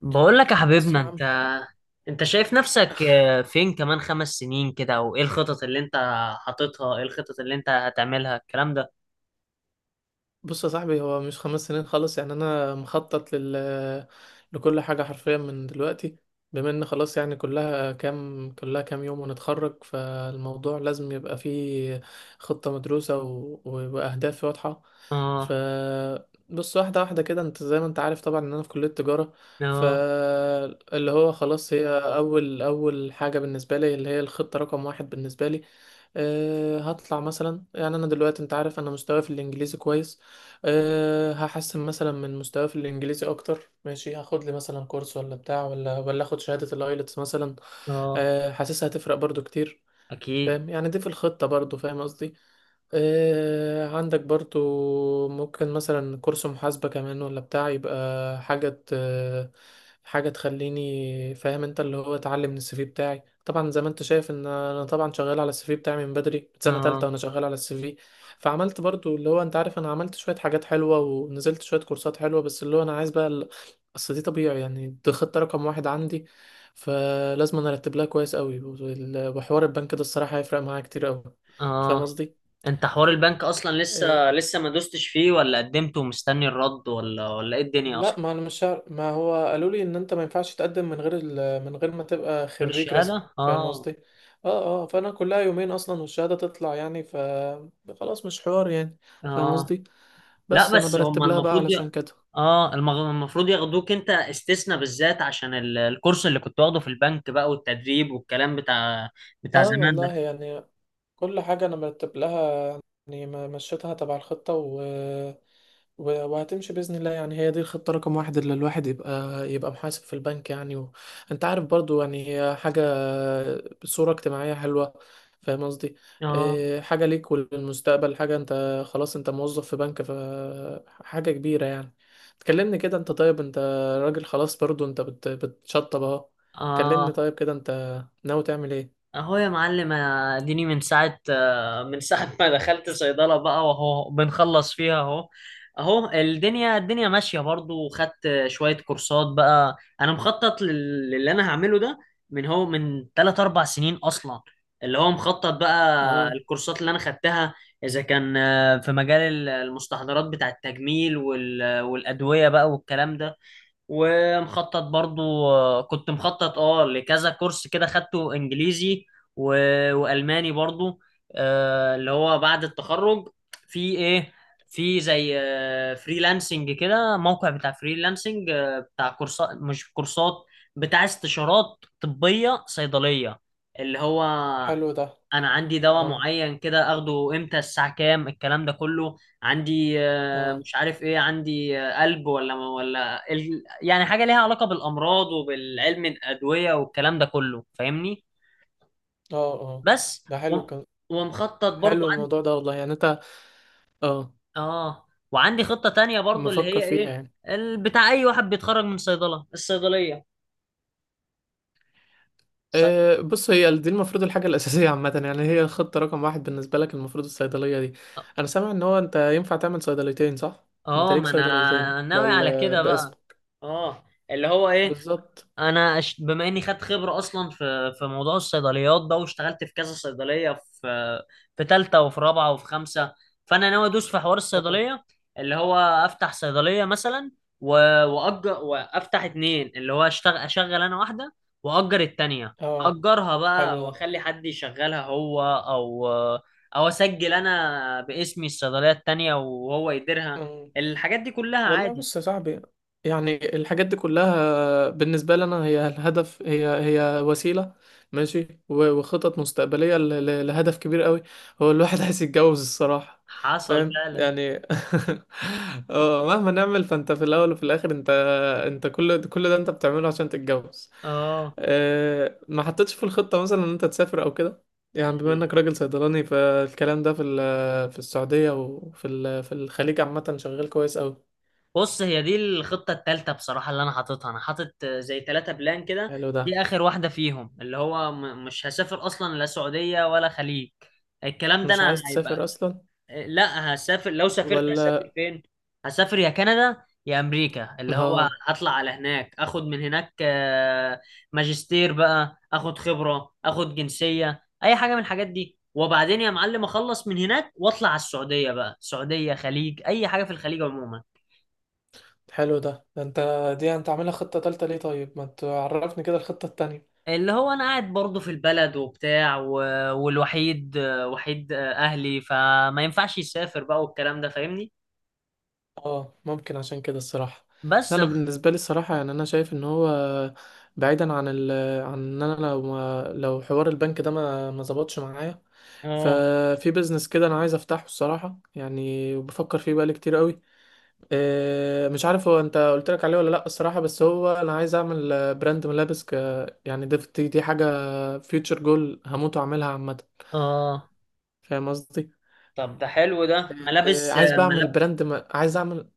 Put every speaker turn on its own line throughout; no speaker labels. بقول لك يا
بس
حبيبنا
يا
انت.
عم.
انت شايف نفسك فين كمان خمس سنين كده او ايه الخطط اللي انت حاططها؟ ايه الخطط اللي انت هتعملها الكلام ده؟
بص يا صاحبي، هو مش خمس سنين خالص، يعني انا مخطط لكل حاجه حرفيا من دلوقتي. بما ان خلاص، يعني كلها كام يوم ونتخرج، فالموضوع لازم يبقى فيه خطه مدروسه و... واهداف واضحه. ف
اه.
بص، واحده واحده كده، انت زي ما انت عارف طبعا ان انا في كليه تجاره.
اه.
فاللي هو خلاص، هي اول اول حاجه بالنسبه لي، اللي هي الخطه رقم واحد بالنسبه لي. هطلع مثلا، يعني انا دلوقتي انت عارف انا مستواي في الانجليزي كويس. هحسن مثلا من مستواي في الانجليزي اكتر، ماشي، هاخد لي مثلا كورس ولا بتاع، ولا اخد شهاده الايلتس مثلا.
اه
حاسسها هتفرق برضو كتير،
اكيد.
فاهم يعني، دي في الخطه برضو، فاهم قصدي. عندك برضو ممكن مثلا كورس محاسبة كمان ولا بتاع، يبقى حاجة ت- حاجة تخليني فاهم. انت اللي هو اتعلم من السي في بتاعي، طبعا زي ما انت شايف ان انا طبعا شغال على السي في بتاعي من بدري، من سنة تالتة
اه.
وانا شغال على السي في. فعملت برضو اللي هو، انت عارف انا عملت شوية حاجات حلوة ونزلت شوية كورسات حلوة، بس اللي هو انا عايز بقى اصل دي طبيعي، يعني دي خطة رقم واحد عندي، فلازم انا ارتب لها كويس قوي. وال- وحوار البنك ده الصراحة هيفرق معايا كتير قوي، فاهم
اه
قصدي؟
انت حوار البنك اصلا
إيه،
لسه ما دوستش فيه، ولا قدمت ومستني الرد، ولا ولا ايه الدنيا
لا،
اصلا؟
ما انا مش عارف، ما هو قالوا لي ان انت ما ينفعش تقدم من غير من غير ما تبقى
غير
خريج رسمي،
الشهادة
فاهم
اه.
قصدي. اه اه، فانا كلها يومين اصلا والشهاده تطلع يعني. خلاص مش حوار يعني، فاهم
اه.
قصدي.
لا
بس انا
بس هم
برتب لها بقى
المفروض
علشان كده.
اه المفروض ياخدوك انت استثناء، بالذات عشان الكورس اللي كنت واخده في البنك بقى والتدريب والكلام بتاع بتاع
اه
زمان
والله
ده.
يعني، كل حاجة أنا مرتب لها، يعني مشيتها تبع الخطة، و... و... وهتمشي بإذن الله. يعني هي دي الخطة رقم واحد، اللي الواحد يبقى محاسب في البنك يعني. أنت عارف برضو، يعني هي حاجة، صورة اجتماعية حلوة، فاهم قصدي.
اه.
حاجة ليك وللمستقبل، حاجة أنت خلاص، أنت موظف في بنك، فحاجة كبيرة يعني. تكلمني كده، أنت طيب، أنت راجل خلاص برضو. أنت بتشطب أهو. كلمني
اه.
طيب كده، أنت ناوي تعمل إيه؟
اهو يا معلم اديني من ساعة من ساعة ما دخلت صيدلة بقى واهو بنخلص فيها اهو. اهو الدنيا الدنيا ماشية برضو، وخدت شوية كورسات بقى. انا مخطط للي انا هعمله ده من هو من 3 4 سنين اصلا، اللي هو مخطط بقى
مم.
الكورسات اللي انا خدتها اذا كان في مجال المستحضرات بتاع التجميل والادوية بقى والكلام ده. ومخطط برضو، كنت مخطط اه لكذا كورس كده خدته، انجليزي و... والماني برضو. آه اللي هو بعد التخرج في ايه، في زي فريلانسنج كده، موقع بتاع فريلانسنج بتاع كورسات، مش كورسات، بتاع استشارات طبية صيدلية، اللي هو
حلو ده.
انا عندي دواء
اه
معين كده اخده امتى الساعه كام الكلام ده كله. عندي
اه
مش عارف ايه، عندي قلب ولا ولا يعني حاجه ليها علاقه بالامراض وبالعلم الادويه والكلام ده كله، فاهمني؟
اه اه.
بس
ده
و...
حلو كان.
ومخطط برضو
حلو
عندي.
الموضوع ده والله يعني انت. اه.
اه وعندي خطه تانية برضو اللي
مفكر
هي
فيها
ايه،
يعني.
بتاع اي واحد بيتخرج من صيدله، الصيدليه ص...
أه، بص، هي دي المفروض الحاجة الأساسية عامة يعني، هي الخطة رقم واحد بالنسبة لك المفروض، الصيدلية دي. أنا سامع إن هو أنت ينفع تعمل صيدليتين، صح؟ أنت
اه
ليك
ما
صيدليتين
انا ناوي على كده بقى.
باسمك.
اه اللي هو ايه،
بالظبط.
انا بما اني خدت خبره اصلا في في موضوع الصيدليات ده، واشتغلت في كذا صيدليه، في في ثالثه وفي رابعه وفي خمسه. فانا ناوي ادوس في حوار
اه.
الصيدليه، اللي هو افتح صيدليه مثلا و... واجر وافتح اتنين، اللي هو اشتغل اشغل انا واحده، واجر التانيه،
آه،
اجرها بقى
حلو
واخلي حد يشغلها هو، او او اسجل انا باسمي الصيدليه التانيه وهو يديرها.
ده.
الحاجات دي كلها
والله
عادي.
بص يا صاحبي، يعني الحاجات دي كلها بالنسبة لنا هي الهدف، هي هي وسيلة ماشي. و- وخطط مستقبلية ل- ل- لهدف كبير قوي. هو الواحد عايز يتجوز الصراحة،
حصل
فاهم
فعلا.
يعني مهما نعمل، فانت في الاول وفي الاخر، انت. كل ده انت بتعمله عشان تتجوز.
اه
ما حطيتش في الخطة مثلا ان انت تسافر او كده، يعني بما انك راجل صيدلاني، فالكلام ده في السعودية في الخليج عامة شغال كويس قوي.
بص هي دي الخطة التالتة بصراحة اللي أنا حاططها، أنا حاطط زي تلاتة بلان كده.
حلو ده.
دي آخر واحدة فيهم، اللي هو مش هسافر أصلا لا سعودية ولا خليج، الكلام ده
مش
أنا
عايز
هيبقى.
تسافر اصلا؟
لا هسافر. لو سافرت هسافر
ولا.
فين؟ هسافر يا كندا يا أمريكا، اللي هو
اه.
هطلع على هناك أخد من هناك ماجستير بقى، أخد خبرة أخد جنسية أي حاجة من الحاجات دي، وبعدين يا معلم أخلص من هناك وأطلع على السعودية بقى، سعودية خليج أي حاجة في الخليج عموما.
حلو ده، ده انت، دي انت عاملها خطة تالتة ليه؟ طيب ما تعرفني كده الخطة التانية.
اللي هو انا قاعد برضه في البلد وبتاع و... والوحيد وحيد اهلي، فما ينفعش يسافر بقى والكلام ده، فاهمني؟
اه ممكن عشان كده الصراحة. لا،
بس
انا
الخ...
بالنسبة لي الصراحة يعني، انا شايف ان هو بعيدا عن ال، عن ان انا، لو حوار البنك ده ما ظبطش معايا،
اه.
ففي بيزنس كده انا عايز افتحه الصراحة يعني، وبفكر فيه بقالي كتير قوي. مش عارف هو، انت قلت لك عليه ولا لا الصراحه، بس هو انا عايز اعمل براند ملابس ك، يعني دي حاجه فيوتشر جول هموت واعملها عامه،
اه.
فاهم قصدي.
طب ده حلو ده، ملابس
عايز بقى اعمل
ملاب.
عايز اعمل.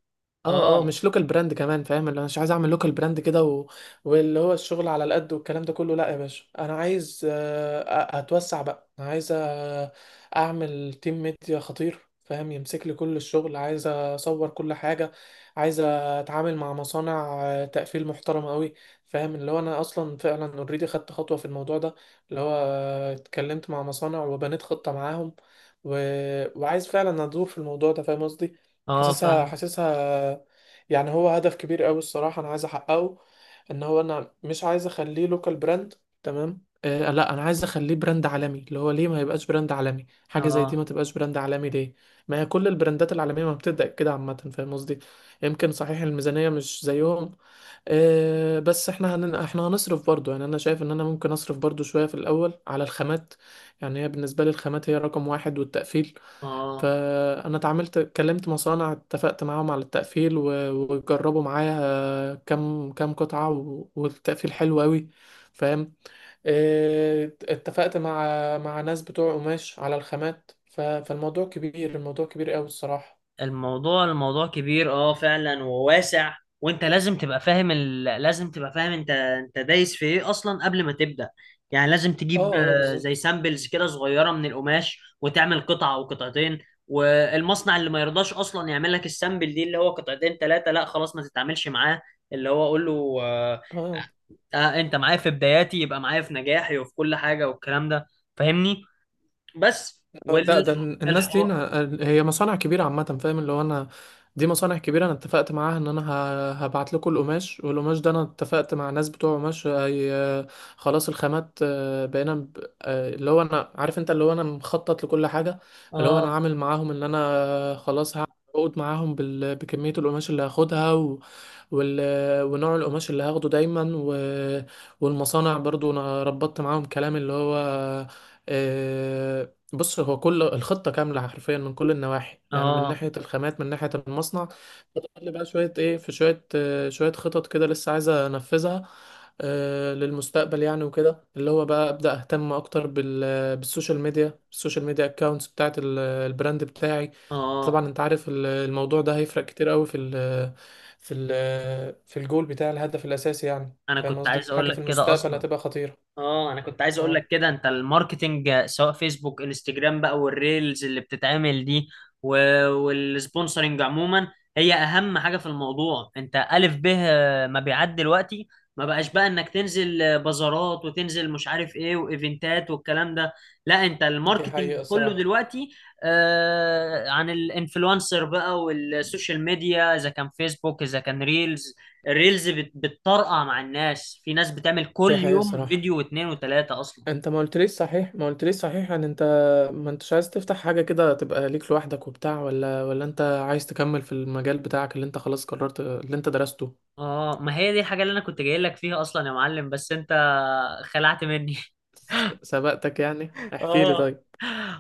اه اه،
اه.
مش لوكال براند كمان، فاهم اللي انا مش عايز اعمل لوكال براند كده و... واللي هو الشغل على القد والكلام ده كله. لا يا باشا، انا عايز اتوسع بقى. انا عايز اعمل تيم ميديا خطير، فاهم، يمسك لي كل الشغل. عايز اصور كل حاجة، عايز اتعامل مع مصانع تقفيل محترمة قوي. فاهم اللي هو، انا اصلا فعلا اوريدي خدت خطوة في الموضوع ده، اللي هو اتكلمت مع مصانع وبنيت خطة معاهم و... وعايز فعلا ادور في الموضوع ده، فاهم قصدي.
اه
حاسسها
فاهم.
حاسسها يعني هو هدف كبير قوي الصراحة، انا عايز احققه، ان هو انا مش عايز اخليه لوكال براند، تمام. آه لا، انا عايز اخليه براند عالمي. اللي هو ليه ما يبقاش براند عالمي؟ حاجة زي دي
اه.
ما تبقاش براند عالمي ليه؟ ما هي كل البراندات العالمية ما بتبدأ كده عامة، فاهم قصدي. يمكن صحيح الميزانية مش زيهم، بس احنا احنا هنصرف برضو، يعني انا شايف ان انا ممكن اصرف برضو شوية في الاول على الخامات. يعني هي بالنسبة لي الخامات هي رقم واحد، والتقفيل.
اه
فأنا اتعاملت، كلمت مصانع، اتفقت معاهم على التقفيل و- وجربوا معايا كام كام قطعة و- والتقفيل حلو أوي، فاهم. اه، اتفقت مع ناس بتوع قماش على الخامات. ف- فالموضوع كبير، الموضوع كبير أوي الصراحة.
الموضوع الموضوع كبير اه فعلا وواسع، وانت لازم تبقى فاهم لازم تبقى فاهم انت انت دايس في ايه اصلا قبل ما تبدأ. يعني لازم تجيب
اه اه
زي
بالظبط.
سامبلز كده صغيرة من القماش، وتعمل قطعة او قطعتين. والمصنع اللي ما يرضاش اصلا يعمل لك السامبل دي اللي هو قطعتين ثلاثة، لا خلاص ما تتعاملش معاه. اللي هو اقول له
اه آه.
آه انت معايا في بداياتي يبقى معايا في نجاحي وفي كل حاجة والكلام ده، فاهمني؟ بس
اه، لا، ده الناس دي
والحوار.
أنا هي مصانع كبيرة عامة، فاهم اللي هو أنا، دي مصانع كبيرة. أنا اتفقت معاها إن أنا هبعت لكم القماش، والقماش ده أنا اتفقت مع ناس بتوع قماش، هي خلاص الخامات. بقينا اللي هو أنا عارف أنت، اللي هو أنا مخطط لكل حاجة. اللي هو أنا
اه.
عامل معاهم إن أنا خلاص هقعد معاهم بكمية القماش اللي هاخدها و... وال... ونوع القماش اللي هاخده دايما. والمصانع برضو أنا ربطت معاهم كلام، اللي هو آه، بص، هو كل الخطة كاملة حرفيا من كل النواحي، يعني من
اه.
ناحية الخامات، من ناحية المصنع. فاضل لي بقى شوية ايه، في شوية شوية خطط كده لسه عايزة انفذها للمستقبل يعني. وكده اللي هو بقى ابدأ اهتم اكتر بالسوشيال ميديا، السوشيال ميديا اكونتس بتاعت البراند بتاعي.
اه
طبعا انت عارف الموضوع ده هيفرق كتير قوي في ال في الجول بتاع الهدف الاساسي، يعني
انا
فاهم
كنت
قصدي،
عايز اقول
حاجة في
لك كده
المستقبل
اصلا.
هتبقى خطيرة.
اه انا كنت عايز اقول
اه،
لك كده، انت الماركتينج سواء فيسبوك انستجرام بقى والريلز اللي بتتعمل دي و... والسبونسرنج عموما، هي اهم حاجة في الموضوع. انت الف به مبيعات دلوقتي، ما بقاش بقى انك تنزل بازارات وتنزل مش عارف ايه وايفنتات والكلام ده. لا انت
دي
الماركتينج
حقيقة
كله
الصراحة.
دلوقتي آه عن الانفلونسر بقى والسوشيال ميديا، اذا كان فيسبوك اذا كان ريلز. الريلز بتطرقع مع الناس، في ناس بتعمل كل
دي حقيقة
يوم
الصراحة.
فيديو واتنين وتلاتة اصلا.
انت ما قلتليش صحيح، ما قلتليش صحيح يعني. انت ما انتش عايز تفتح حاجة كده تبقى ليك لوحدك وبتاع، ولا انت عايز تكمل في المجال بتاعك اللي انت خلاص قررت اللي انت درسته؟
اه ما هي دي الحاجة اللي انا كنت جاي لك فيها اصلا يا معلم بس انت خلعت مني.
سبقتك يعني، احكي لي
اه
طيب.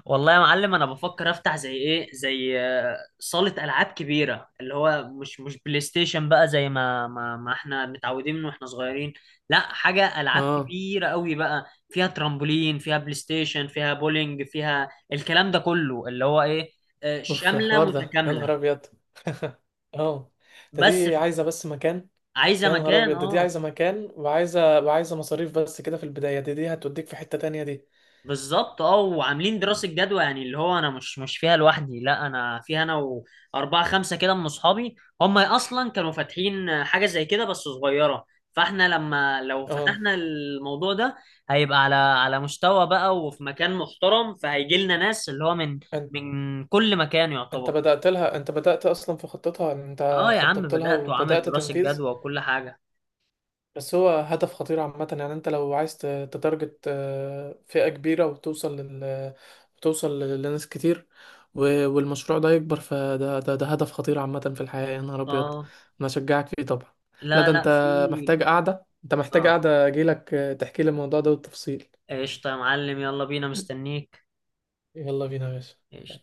والله يا معلم انا بفكر افتح زي ايه، زي صالة العاب كبيرة، اللي هو مش مش بلاي ستيشن بقى زي ما ما احنا متعودين من واحنا صغيرين. لا حاجة العاب
اه.
كبيرة قوي بقى، فيها ترامبولين فيها بلاي ستيشن فيها بولينج فيها الكلام ده كله، اللي هو ايه
اوف، ده
شاملة
حوار ده يا
متكاملة.
نهار ابيض اه. ده
بس
دي
ف-
عايزة بس مكان.
عايزه
يا نهار
مكان
ابيض، ده دي
اه
عايزة مكان، وعايزة مصاريف بس كده في البداية. دي هتوديك في حتة تانية دي.
بالظبط. اه وعاملين دراسه جدوى، يعني اللي هو انا مش مش فيها لوحدي، لا انا فيها انا واربعه خمسه كده من اصحابي. هم اصلا كانوا فاتحين حاجه زي كده بس صغيره، فاحنا لما لو
اه،
فتحنا الموضوع ده هيبقى على على مستوى بقى وفي مكان محترم، فهيجي لنا ناس اللي هو من
انت
من كل مكان
انت
يعتبر.
بدأت لها، انت بدأت اصلا في خطتها، انت
اه يا عم
خططت لها
بدأت وعامل
وبدأت
دراسه
تنفيذ.
جدوى وكل حاجه.
بس هو هدف خطير عامة يعني. انت لو عايز تتارجت فئة كبيرة، وتوصل وتوصل لناس كتير، والمشروع ده يكبر. فده ده, ده هدف خطير عامة في الحياة، يا نهار أبيض.
اه.
أنا أشجعك فيه طبعا. لا
لا
ده
لا
انت
في.
محتاج قعدة، انت محتاج
اه.
قعدة، أجيلك تحكي لي الموضوع ده بالتفصيل.
قشطه يا معلم يلا بينا مستنيك.
يلا بينا يا باشا.
ماشي.